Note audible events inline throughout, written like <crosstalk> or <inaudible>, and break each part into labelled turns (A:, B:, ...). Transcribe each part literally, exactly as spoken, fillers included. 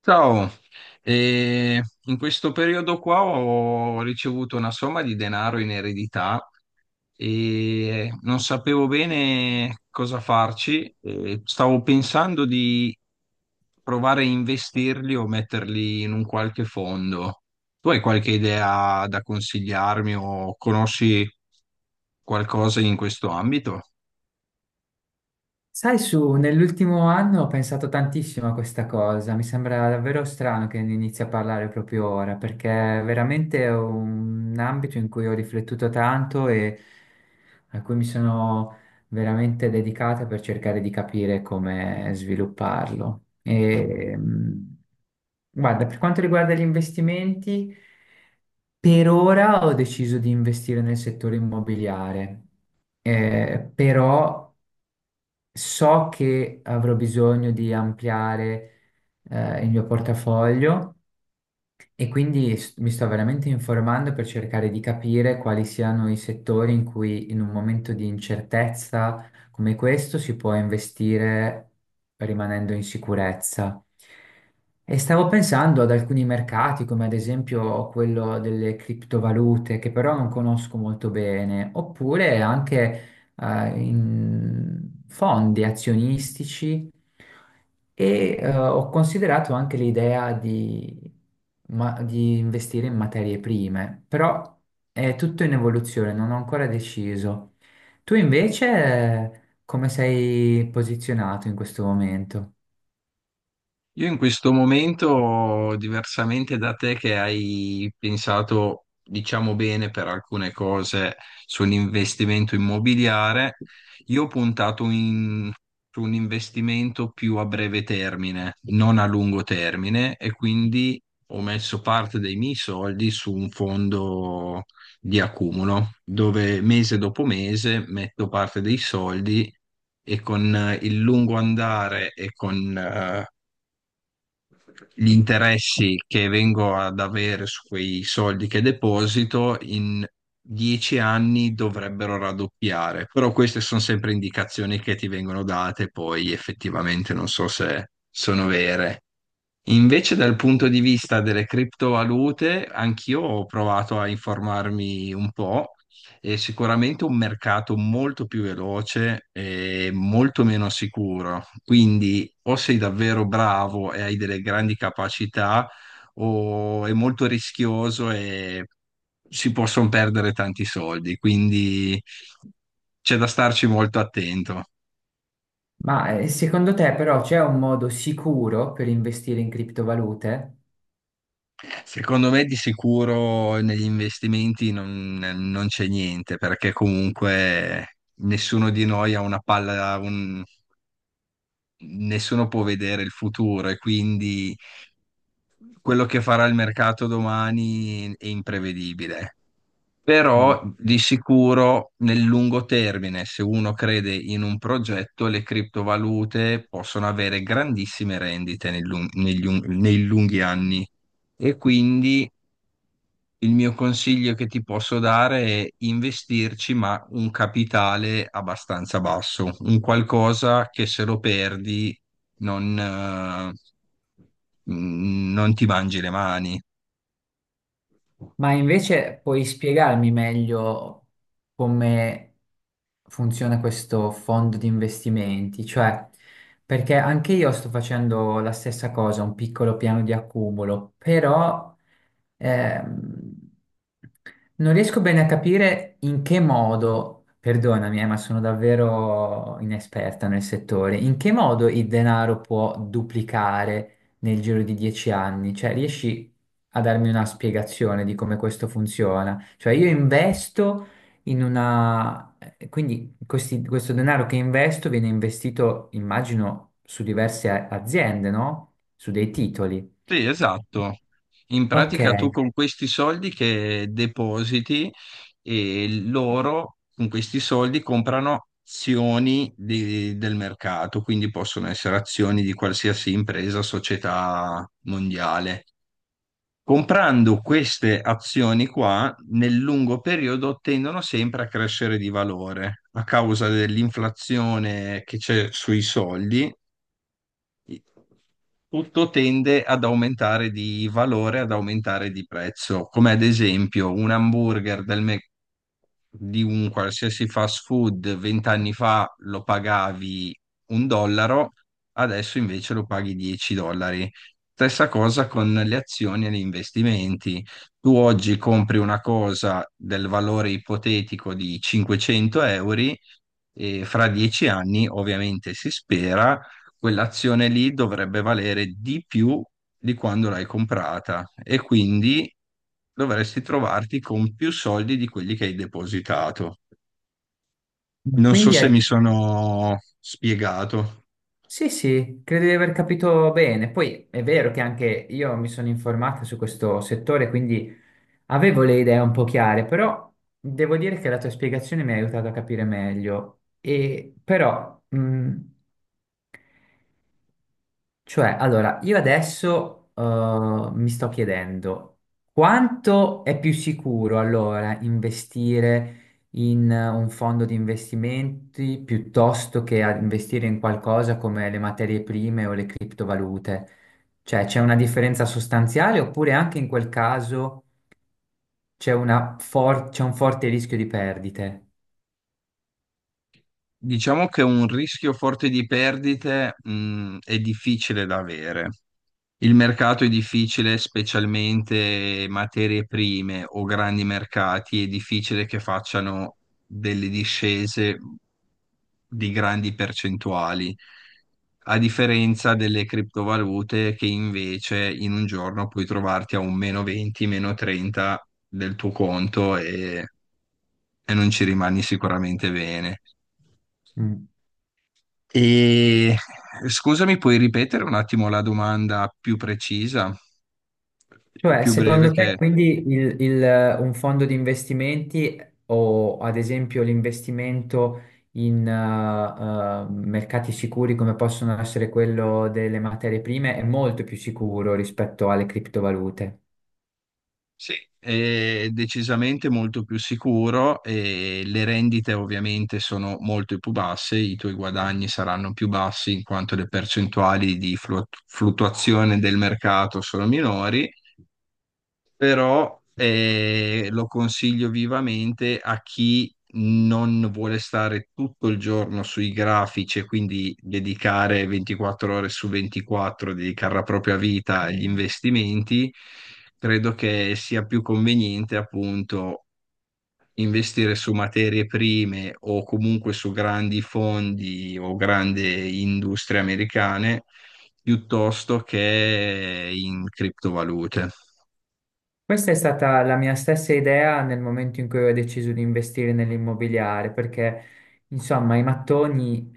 A: Ciao. E in questo periodo qua ho ricevuto una somma di denaro in eredità e non sapevo bene cosa farci. E stavo pensando di provare a investirli o metterli in un qualche fondo. Tu hai qualche idea da consigliarmi o conosci qualcosa in questo ambito?
B: Sai, su, nell'ultimo anno ho pensato tantissimo a questa cosa, mi sembra davvero strano che ne inizi a parlare proprio ora, perché è veramente un ambito in cui ho riflettuto tanto e a cui mi sono veramente dedicata per cercare di capire come svilupparlo. E, mh, guarda, per quanto riguarda gli investimenti, per ora ho deciso di investire nel settore immobiliare, eh, però so che avrò bisogno di ampliare eh, il mio portafoglio e quindi s- mi sto veramente informando per cercare di capire quali siano i settori in cui in un momento di incertezza come questo si può investire rimanendo in sicurezza. E stavo pensando ad alcuni mercati, come ad esempio quello delle criptovalute, che però non conosco molto bene, oppure anche eh, in fondi azionistici e eh, ho considerato anche l'idea di, ma- di investire in materie prime, però è tutto in evoluzione, non ho ancora deciso. Tu invece eh, come sei posizionato in questo momento?
A: Io in questo momento, diversamente da te che hai pensato, diciamo bene per alcune cose sull'investimento immobiliare, io ho puntato in- su un investimento più a breve termine, non a lungo termine, e quindi ho messo parte dei miei soldi su un fondo di accumulo, dove mese dopo mese metto parte dei soldi e con eh, il lungo andare e con eh, gli interessi che vengo ad avere su quei soldi che deposito in dieci anni dovrebbero raddoppiare, però queste sono sempre indicazioni che ti vengono date, poi effettivamente non so se sono vere. Invece dal punto di vista delle criptovalute, anch'io ho provato a informarmi un po'. È sicuramente un mercato molto più veloce e molto meno sicuro. Quindi o sei davvero bravo e hai delle grandi capacità, o è molto rischioso e si possono perdere tanti soldi. Quindi c'è da starci molto attento.
B: Ma eh, secondo te però c'è un modo sicuro per investire in criptovalute?
A: Secondo me di sicuro negli investimenti non, non c'è niente, perché comunque nessuno di noi ha una palla, un- nessuno può vedere il futuro e quindi quello che farà il mercato domani è imprevedibile.
B: Mm.
A: Però di sicuro nel lungo termine, se uno crede in un progetto, le criptovalute possono avere grandissime rendite nel lung- negli un- nei lunghi anni. E quindi il mio consiglio che ti posso dare è investirci, ma un capitale abbastanza basso, un qualcosa che se lo perdi non, eh, mh, non ti mangi le mani.
B: Ma invece puoi spiegarmi meglio come funziona questo fondo di investimenti? Cioè, perché anche io sto facendo la stessa cosa, un piccolo piano di accumulo, però ehm, non riesco bene a capire in che modo, perdonami, eh, ma sono davvero inesperta nel settore, in che modo il denaro può duplicare nel giro di dieci anni? Cioè, riesci a darmi una spiegazione di come questo funziona? Cioè, io investo in una... eh, quindi questi- questo denaro che investo viene investito, immagino, su diverse a- aziende, no? Su dei titoli.
A: Sì, esatto. In
B: Ok,
A: pratica tu con questi soldi che depositi e loro con questi soldi comprano azioni di- del mercato, quindi possono essere azioni di qualsiasi impresa, società mondiale. Comprando queste azioni qua, nel lungo periodo tendono sempre a crescere di valore a causa dell'inflazione che c'è sui soldi, tutto tende ad aumentare di valore, ad aumentare di prezzo, come ad esempio un hamburger del Mc- di un qualsiasi fast food vent'anni fa lo pagavi un dollaro, adesso invece lo paghi 10 dollari. Stessa cosa con le azioni e gli investimenti. Tu oggi compri una cosa del valore ipotetico di cinquecento euro e fra dieci anni, ovviamente si spera, quell'azione lì dovrebbe valere di più di quando l'hai comprata e quindi dovresti trovarti con più soldi di quelli che hai depositato.
B: ma
A: Non so
B: quindi
A: se
B: è-
A: mi sono spiegato.
B: sì, sì, credo di aver capito bene. Poi è vero che anche io mi sono informata su questo settore, quindi avevo le idee un po' chiare, però devo dire che la tua spiegazione mi ha aiutato a capire meglio. E però, mh, cioè, allora, io adesso eh, mi sto chiedendo quanto è più sicuro allora investire in eh, un fondo di investimenti piuttosto che a- investire in qualcosa come le materie prime o le criptovalute? Cioè, c'è una differenza sostanziale oppure anche in quel caso... c'è una for- c'è un forte rischio di perdite.
A: Diciamo che un rischio forte di perdite, mh, è difficile da avere. Il mercato è difficile, specialmente materie prime o grandi mercati, è difficile che facciano delle discese di grandi percentuali, a differenza delle criptovalute che invece in un giorno puoi trovarti a un meno venti, meno trenta del tuo conto e, e non ci rimani sicuramente bene.
B: Mm.
A: E scusami, puoi ripetere un attimo la domanda più precisa,
B: Cioè,
A: più breve
B: secondo te,
A: che.
B: quindi il- il- un fondo di investimenti o ad esempio l'investimento in eh, eh, mercati sicuri come possono essere quello delle materie prime è molto più sicuro rispetto alle criptovalute?
A: Sì, è decisamente molto più sicuro e le rendite ovviamente sono molto più basse, i tuoi guadagni saranno più bassi in quanto le percentuali di flu- fluttuazione del mercato sono minori, però eh, lo consiglio vivamente a chi non vuole stare tutto il giorno sui grafici e quindi dedicare ventiquattro ore su ventiquattro, dedicare la propria vita agli investimenti. Credo che sia più conveniente appunto investire su materie prime o comunque su grandi fondi o grandi industrie americane piuttosto che in criptovalute.
B: Questa è stata la mia stessa idea nel momento in cui ho deciso di investire nell'immobiliare, perché insomma i mattoni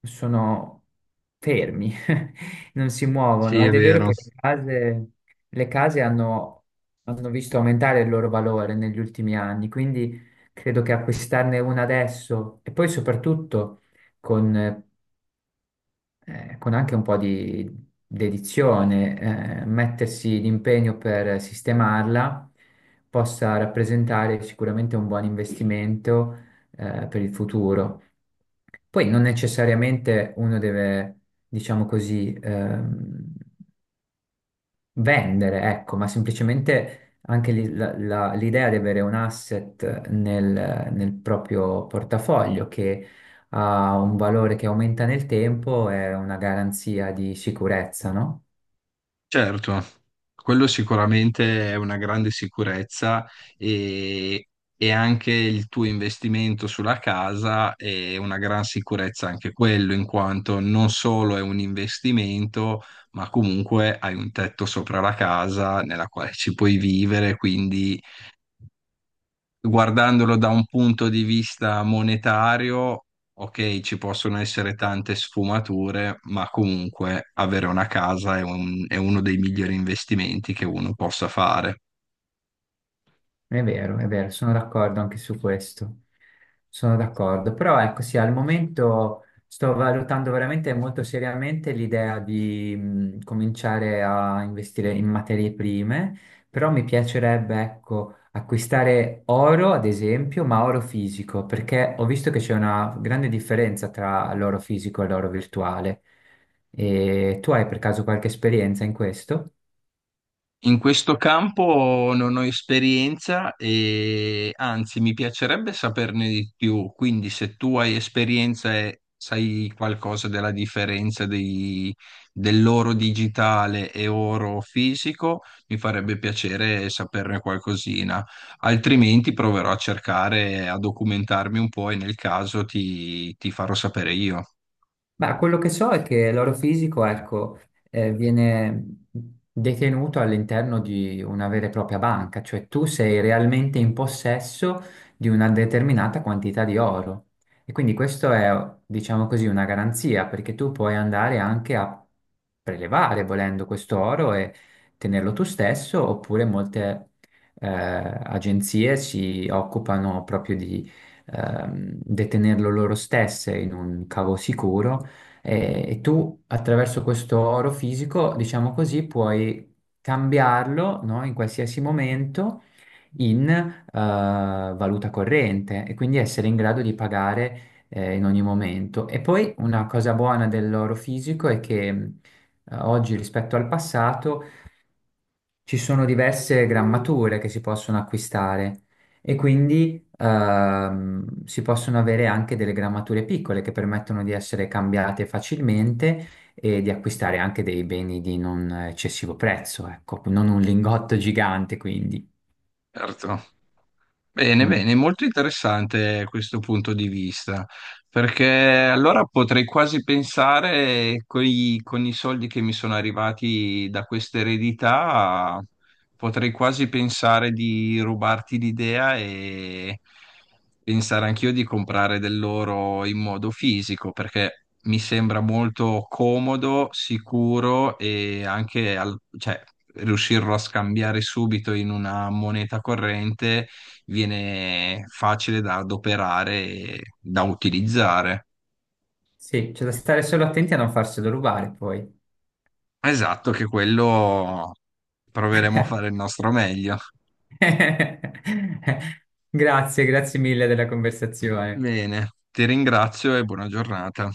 B: sono fermi, <laughs> non si
A: Sì,
B: muovono
A: è
B: ed è vero
A: vero.
B: che le case, le case hanno, hanno visto aumentare il loro valore negli ultimi anni, quindi credo che acquistarne una adesso e poi soprattutto con eh, con anche un po' di dedizione, eh, mettersi l'impegno per sistemarla possa rappresentare sicuramente un buon investimento, eh, per il futuro. Poi non necessariamente uno deve, diciamo così, ehm, vendere, ecco, ma semplicemente anche lì la- la- l'idea di avere un asset nel, nel proprio portafoglio che ha un valore che aumenta nel tempo è una garanzia di sicurezza, no?
A: Certo, quello sicuramente è una grande sicurezza e, e anche il tuo investimento sulla casa è una gran sicurezza anche quello, in quanto non solo è un investimento, ma comunque hai un tetto sopra la casa nella quale ci puoi vivere, quindi guardandolo da un punto di vista monetario, ok, ci possono essere tante sfumature, ma comunque avere una casa è un- è uno dei migliori investimenti che uno possa fare.
B: È vero, è vero, sono d'accordo anche su questo. Sono d'accordo, però ecco sì, al momento sto valutando veramente molto seriamente l'idea di mh, cominciare a investire in materie prime, però mi piacerebbe ecco acquistare oro, ad esempio, ma oro fisico, perché ho visto che c'è una grande differenza tra l'oro fisico e l'oro virtuale. E tu hai per caso qualche esperienza in questo?
A: In questo campo non ho esperienza e anzi mi piacerebbe saperne di più, quindi se tu hai esperienza e sai qualcosa della differenza dei- dell'oro digitale e oro fisico, mi farebbe piacere saperne qualcosina, altrimenti proverò a cercare, a documentarmi un po' e nel caso ti ti farò sapere io.
B: Ma quello che so è che l'orofisico, ecco, eh, viene detenuto all'interno di una vera e propria banca, cioè tu sei realmente in possesso di una determinata quantità di oro. E quindi questo è, diciamo così, una garanzia, perché tu puoi andare anche a prelevare, volendo questo oro e tenerlo tu stesso, oppure molte eh, agenzie si occupano proprio di ehm, detenerlo loro stesse in un cavo sicuro e, e tu attraverso questo oro fisico, diciamo così, puoi cambiarlo, no, in qualsiasi momento in eh, valuta corrente e quindi essere in grado di pagare eh, in ogni momento. E poi una cosa buona dell'oro fisico è che mh, oggi rispetto al passato ci sono diverse grammature che si possono acquistare e quindi ehm, si possono avere anche delle grammature piccole che permettono di essere cambiate facilmente e di acquistare anche dei beni di non eccessivo prezzo, ecco, non un lingotto gigante, quindi.
A: Certo. Bene,
B: Mm.
A: bene, molto interessante questo punto di vista, perché allora potrei quasi pensare coi- con i soldi che mi sono arrivati da questa eredità, potrei quasi pensare di rubarti l'idea e pensare anch'io di comprare dell'oro in modo fisico, perché mi sembra molto comodo, sicuro e anche al- cioè, riuscirlo a scambiare subito in una moneta corrente viene facile da adoperare e da utilizzare.
B: Sì, c'è da stare solo attenti a non farselo rubare poi.
A: Esatto, che quello proveremo a fare il nostro meglio.
B: <laughs> Grazie, grazie mille della conversazione.
A: Bene, ti ringrazio e buona giornata.